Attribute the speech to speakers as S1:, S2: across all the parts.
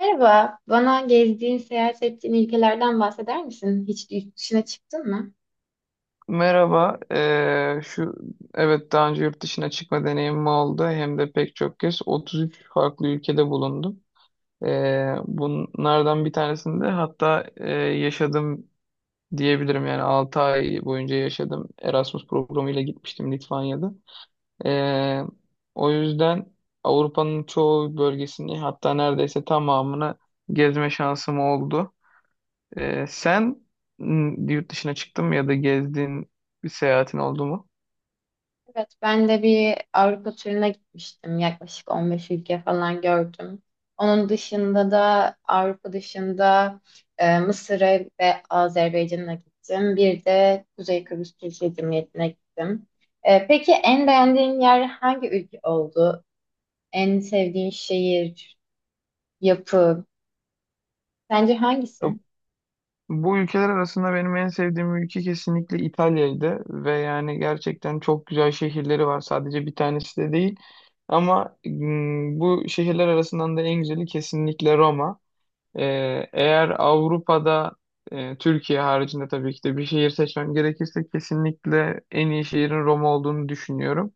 S1: Merhaba, bana gezdiğin, seyahat ettiğin ülkelerden bahseder misin? Hiç yurt dışına çıktın mı?
S2: Merhaba. Şu Evet, daha önce yurt dışına çıkma deneyimim oldu. Hem de pek çok kez 33 farklı ülkede bulundum. Bunlardan bir tanesinde hatta yaşadım diyebilirim. Yani 6 ay boyunca yaşadım. Erasmus programıyla gitmiştim Litvanya'da. Eee, O yüzden Avrupa'nın çoğu bölgesini hatta neredeyse tamamını gezme şansım oldu. Sen yurt dışına çıktın mı ya da gezdiğin bir seyahatin oldu mu?
S1: Evet, ben de bir Avrupa turuna gitmiştim. Yaklaşık 15 ülke falan gördüm. Onun dışında da Avrupa dışında Mısır'a ve Azerbaycan'a gittim. Bir de Kuzey Kıbrıs Türkiye Cumhuriyeti'ne gittim. Peki en beğendiğin yer hangi ülke oldu? En sevdiğin şehir, yapı, sence hangisi?
S2: Bu ülkeler arasında benim en sevdiğim ülke kesinlikle İtalya'ydı ve yani gerçekten çok güzel şehirleri var. Sadece bir tanesi de değil. Ama bu şehirler arasından da en güzeli kesinlikle Roma. Ee, Eğer Avrupa'da, Türkiye haricinde tabii ki de bir şehir seçmem gerekirse, kesinlikle en iyi şehrin Roma olduğunu düşünüyorum.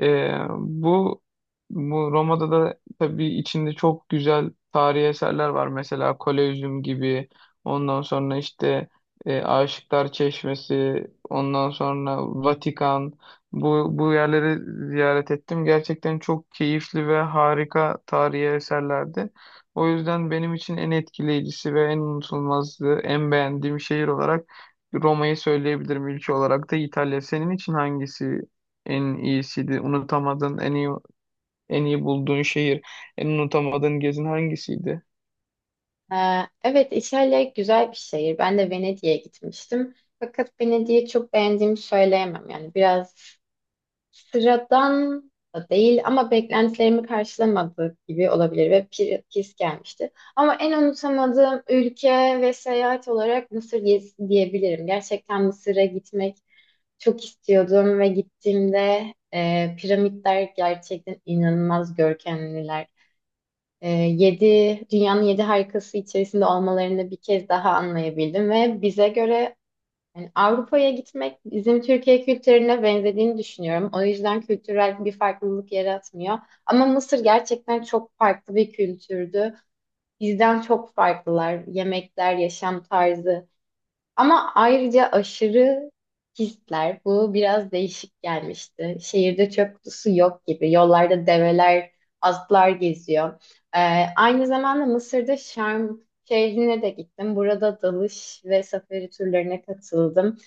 S2: Ee, bu bu Roma'da da tabii içinde çok güzel tarihi eserler var. Mesela Kolezyum gibi. Ondan sonra işte Aşıklar Çeşmesi, ondan sonra Vatikan. Bu yerleri ziyaret ettim. Gerçekten çok keyifli ve harika tarihi eserlerdi. O yüzden benim için en etkileyicisi ve en unutulmazdı, en beğendiğim şehir olarak Roma'yı söyleyebilirim. Ülke olarak da İtalya. Senin için hangisi en iyisiydi? Unutamadığın, en iyi bulduğun şehir, en unutamadığın gezin hangisiydi?
S1: Ee, Evet, İtalya güzel bir şehir. Ben de Venedik'e gitmiştim. Fakat Venedik'i çok beğendiğimi söyleyemem. Yani biraz sıradan da değil ama beklentilerimi karşılamadığı gibi olabilir ve pis gelmişti. Ama en unutamadığım ülke ve seyahat olarak Mısır gezisi diyebilirim. Gerçekten Mısır'a gitmek çok istiyordum ve gittiğimde piramitler gerçekten inanılmaz görkemliler, e, yedi, dünyanın yedi harikası içerisinde olmalarını bir kez daha anlayabildim ve bize göre yani Avrupa'ya gitmek bizim Türkiye kültürüne benzediğini düşünüyorum. O yüzden kültürel bir farklılık yaratmıyor. Ama Mısır gerçekten çok farklı bir kültürdü. Bizden çok farklılar. Yemekler, yaşam tarzı. Ama ayrıca aşırı hisler bu biraz değişik gelmişti. Şehirde çöp kutusu yok gibi. Yollarda develer, atlar geziyor. Ee, Aynı zamanda Mısır'da Şarm şehrine de gittim. Burada dalış ve safari turlarına katıldım.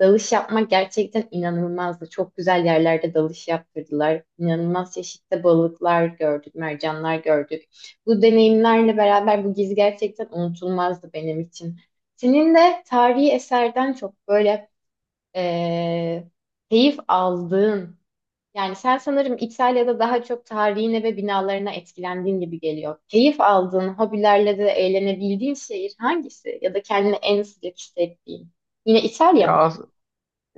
S1: Dalış yapmak gerçekten inanılmazdı. Çok güzel yerlerde dalış yaptırdılar. İnanılmaz çeşitli balıklar gördük, mercanlar gördük. Bu deneyimlerle beraber bu gezi gerçekten unutulmazdı benim için. Senin de tarihi eserden çok böyle eee, keyif aldığın, yani sen sanırım İtalya'da daha çok tarihine ve binalarına etkilendiğin gibi geliyor. Keyif aldığın, hobilerle de eğlenebildiğin şehir hangisi? Ya da kendini en sıcak hissettiğin? Yine İtalya mı?
S2: Ya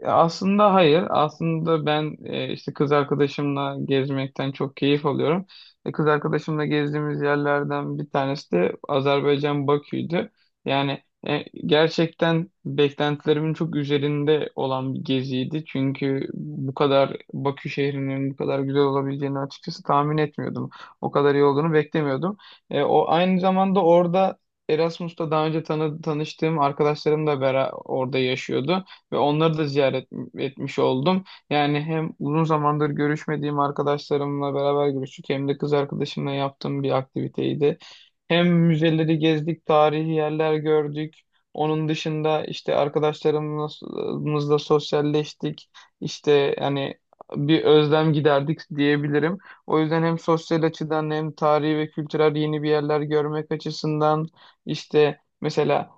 S2: Aslında hayır. Aslında ben, işte, kız arkadaşımla gezmekten çok keyif alıyorum. Kız arkadaşımla gezdiğimiz yerlerden bir tanesi de Azerbaycan Bakü'ydü. Yani gerçekten beklentilerimin çok üzerinde olan bir geziydi. Çünkü bu kadar Bakü şehrinin bu kadar güzel olabileceğini açıkçası tahmin etmiyordum. O kadar iyi olduğunu beklemiyordum. O aynı zamanda orada Erasmus'ta daha önce tanıştığım arkadaşlarım da bera orada yaşıyordu ve onları da ziyaret etmiş oldum. Yani hem uzun zamandır görüşmediğim arkadaşlarımla beraber görüştük, hem de kız arkadaşımla yaptığım bir aktiviteydi. Hem müzeleri gezdik, tarihi yerler gördük. Onun dışında işte arkadaşlarımızla sosyalleştik. İşte hani bir özlem giderdik diyebilirim. O yüzden hem sosyal açıdan hem tarihi ve kültürel yeni bir yerler görmek açısından, işte mesela,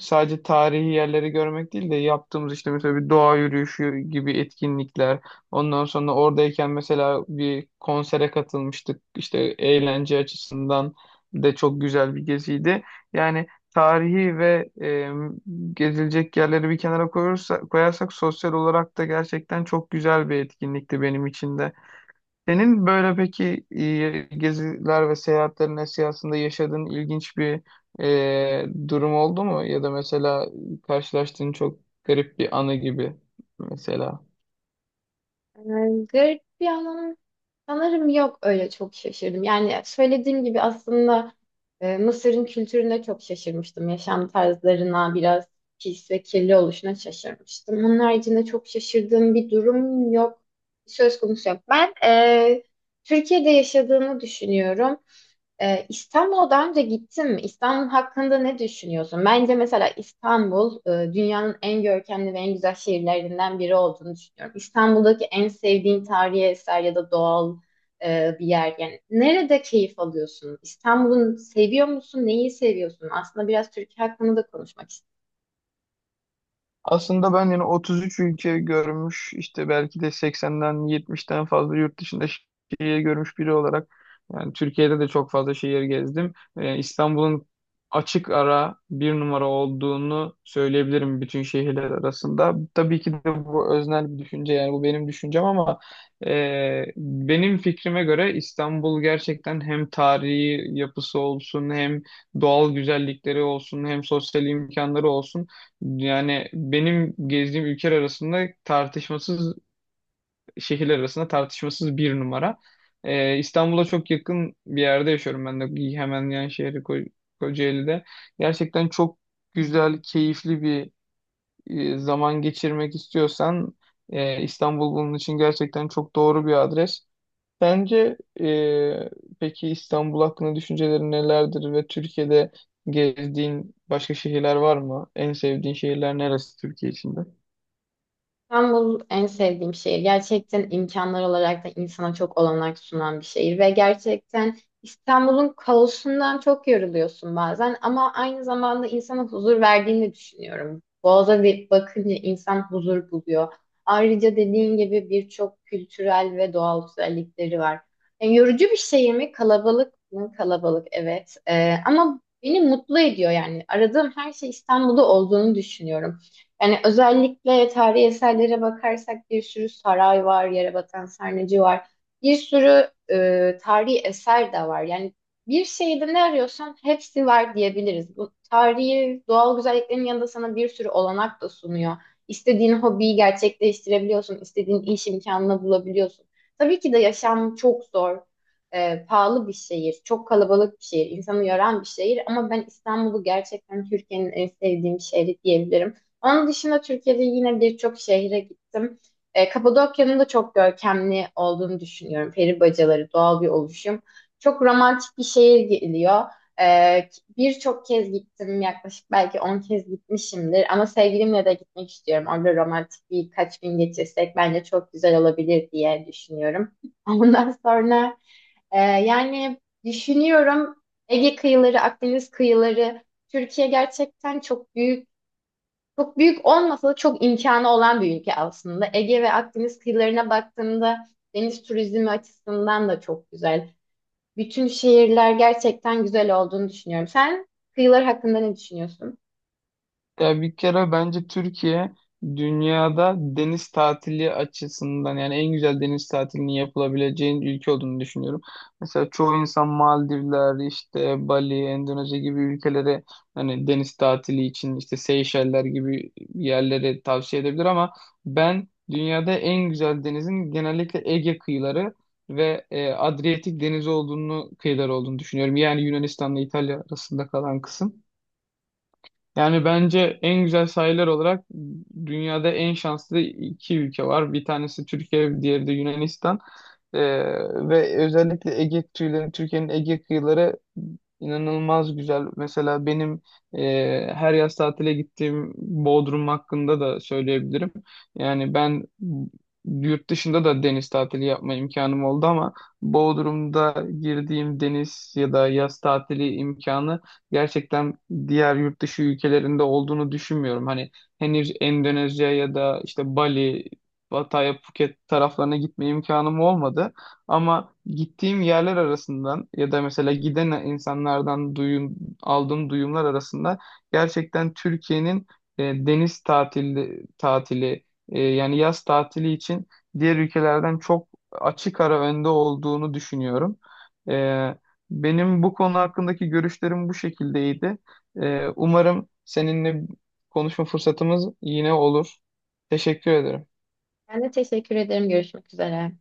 S2: sadece tarihi yerleri görmek değil de yaptığımız işte mesela bir doğa yürüyüşü gibi etkinlikler. Ondan sonra oradayken mesela bir konsere katılmıştık. İşte eğlence açısından de çok güzel bir geziydi. Yani tarihi ve gezilecek yerleri bir kenara koyarsak sosyal olarak da gerçekten çok güzel bir etkinlikti benim için de. Senin böyle peki geziler ve seyahatlerin esnasında yaşadığın ilginç bir durum oldu mu? Ya da mesela karşılaştığın çok garip bir anı gibi mesela.
S1: Yani garip bir anlam sanırım yok öyle çok şaşırdım. Yani söylediğim gibi aslında Mısır'ın kültürüne çok şaşırmıştım. Yaşam tarzlarına biraz pis ve kirli oluşuna şaşırmıştım. Onun haricinde çok şaşırdığım bir durum yok. Söz konusu yok. Türkiye'de yaşadığını düşünüyorum. İstanbul'a daha önce gittim. İstanbul hakkında ne düşünüyorsun? Bence mesela İstanbul dünyanın en görkemli ve en güzel şehirlerinden biri olduğunu düşünüyorum. İstanbul'daki en sevdiğin tarihi eser ya da doğal bir yer. Yani nerede keyif alıyorsun? İstanbul'u seviyor musun? Neyi seviyorsun? Aslında biraz Türkiye hakkında da konuşmak istiyorum.
S2: Aslında ben yani 33 ülke görmüş, işte belki de 80'den 70'ten fazla yurt dışında şehir görmüş biri olarak, yani Türkiye'de de çok fazla şehir gezdim. İstanbul'un açık ara bir numara olduğunu söyleyebilirim bütün şehirler arasında. Tabii ki de bu öznel bir düşünce, yani bu benim düşüncem ama benim fikrime göre İstanbul gerçekten hem tarihi yapısı olsun, hem doğal güzellikleri olsun, hem sosyal imkanları olsun, yani benim gezdiğim ülkeler arasında tartışmasız şehirler arasında tartışmasız bir numara. İstanbul'a çok yakın bir yerde yaşıyorum ben de, hemen yan şehri Kocaeli'de. Gerçekten çok güzel, keyifli bir zaman geçirmek istiyorsan, İstanbul bunun için gerçekten çok doğru bir adres. Sence peki İstanbul hakkında düşüncelerin nelerdir ve Türkiye'de gezdiğin başka şehirler var mı? En sevdiğin şehirler neresi Türkiye içinde?
S1: İstanbul en sevdiğim şehir. Gerçekten imkanlar olarak da insana çok olanak sunan bir şehir ve gerçekten İstanbul'un kaosundan çok yoruluyorsun bazen ama aynı zamanda insana huzur verdiğini de düşünüyorum. Boğaz'a bir bakınca insan huzur buluyor. Ayrıca dediğin gibi birçok kültürel ve doğal güzellikleri var. Yani yorucu bir şey mi? Kalabalık mı? Kalabalık, evet. Ama beni mutlu ediyor yani. Aradığım her şey İstanbul'da olduğunu düşünüyorum. Yani özellikle tarihi eserlere bakarsak bir sürü saray var, yere batan Sarnıcı var. Bir sürü tarihi eser de var. Yani bir şeyde ne arıyorsan hepsi var diyebiliriz. Bu tarihi doğal güzelliklerin yanında sana bir sürü olanak da sunuyor. İstediğin hobiyi gerçekleştirebiliyorsun, istediğin iş imkanını bulabiliyorsun. Tabii ki de yaşam çok zor, pahalı bir şehir, çok kalabalık bir şehir, insanı yoran bir şehir ama ben İstanbul'u gerçekten Türkiye'nin en sevdiğim şehri diyebilirim. Onun dışında Türkiye'de yine birçok şehre gittim. Kapadokya'nın da çok görkemli olduğunu düşünüyorum. Peri bacaları, doğal bir oluşum. Çok romantik bir şehir geliyor. E, Birçok kez gittim, yaklaşık belki 10 kez gitmişimdir. Ama sevgilimle de gitmek istiyorum. Orada romantik birkaç gün geçirsek bence çok güzel olabilir diye düşünüyorum. Ondan sonra yani düşünüyorum Ege kıyıları, Akdeniz kıyıları, Türkiye gerçekten çok büyük, olmasa da çok imkanı olan bir ülke aslında. Ege ve Akdeniz kıyılarına baktığımda deniz turizmi açısından da çok güzel. Bütün şehirler gerçekten güzel olduğunu düşünüyorum. Sen kıyılar hakkında ne düşünüyorsun?
S2: Ya, bir kere bence Türkiye dünyada deniz tatili açısından, yani en güzel deniz tatilinin yapılabileceğin ülke olduğunu düşünüyorum. Mesela çoğu insan Maldivler, işte Bali, Endonezya gibi ülkelere, hani deniz tatili için işte Seyşeller gibi yerlere tavsiye edebilir ama ben dünyada en güzel denizin genellikle Ege kıyıları ve Adriyatik denizi olduğunu kıyıları olduğunu düşünüyorum. Yani Yunanistan'la İtalya arasında kalan kısım. Yani bence en güzel sahiller olarak dünyada en şanslı iki ülke var. Bir tanesi Türkiye, diğeri de Yunanistan. Ee, Ve özellikle Ege kıyıları, Türkiye'nin Ege kıyıları inanılmaz güzel. Mesela benim her yaz tatile gittiğim Bodrum hakkında da söyleyebilirim. Yani ben yurt dışında da deniz tatili yapma imkanım oldu ama Bodrum'da girdiğim deniz ya da yaz tatili imkanı gerçekten diğer yurt dışı ülkelerinde olduğunu düşünmüyorum. Hani henüz Endonezya ya da işte Bali, Pattaya, Phuket taraflarına gitme imkanım olmadı. Ama gittiğim yerler arasından ya da mesela giden insanlardan aldığım duyumlar arasında gerçekten Türkiye'nin tatili yani yaz tatili için diğer ülkelerden çok açık ara önde olduğunu düşünüyorum. E, Benim bu konu hakkındaki görüşlerim bu şekildeydi. Umarım seninle konuşma fırsatımız yine olur. Teşekkür ederim.
S1: Ben de teşekkür ederim. Görüşmek üzere.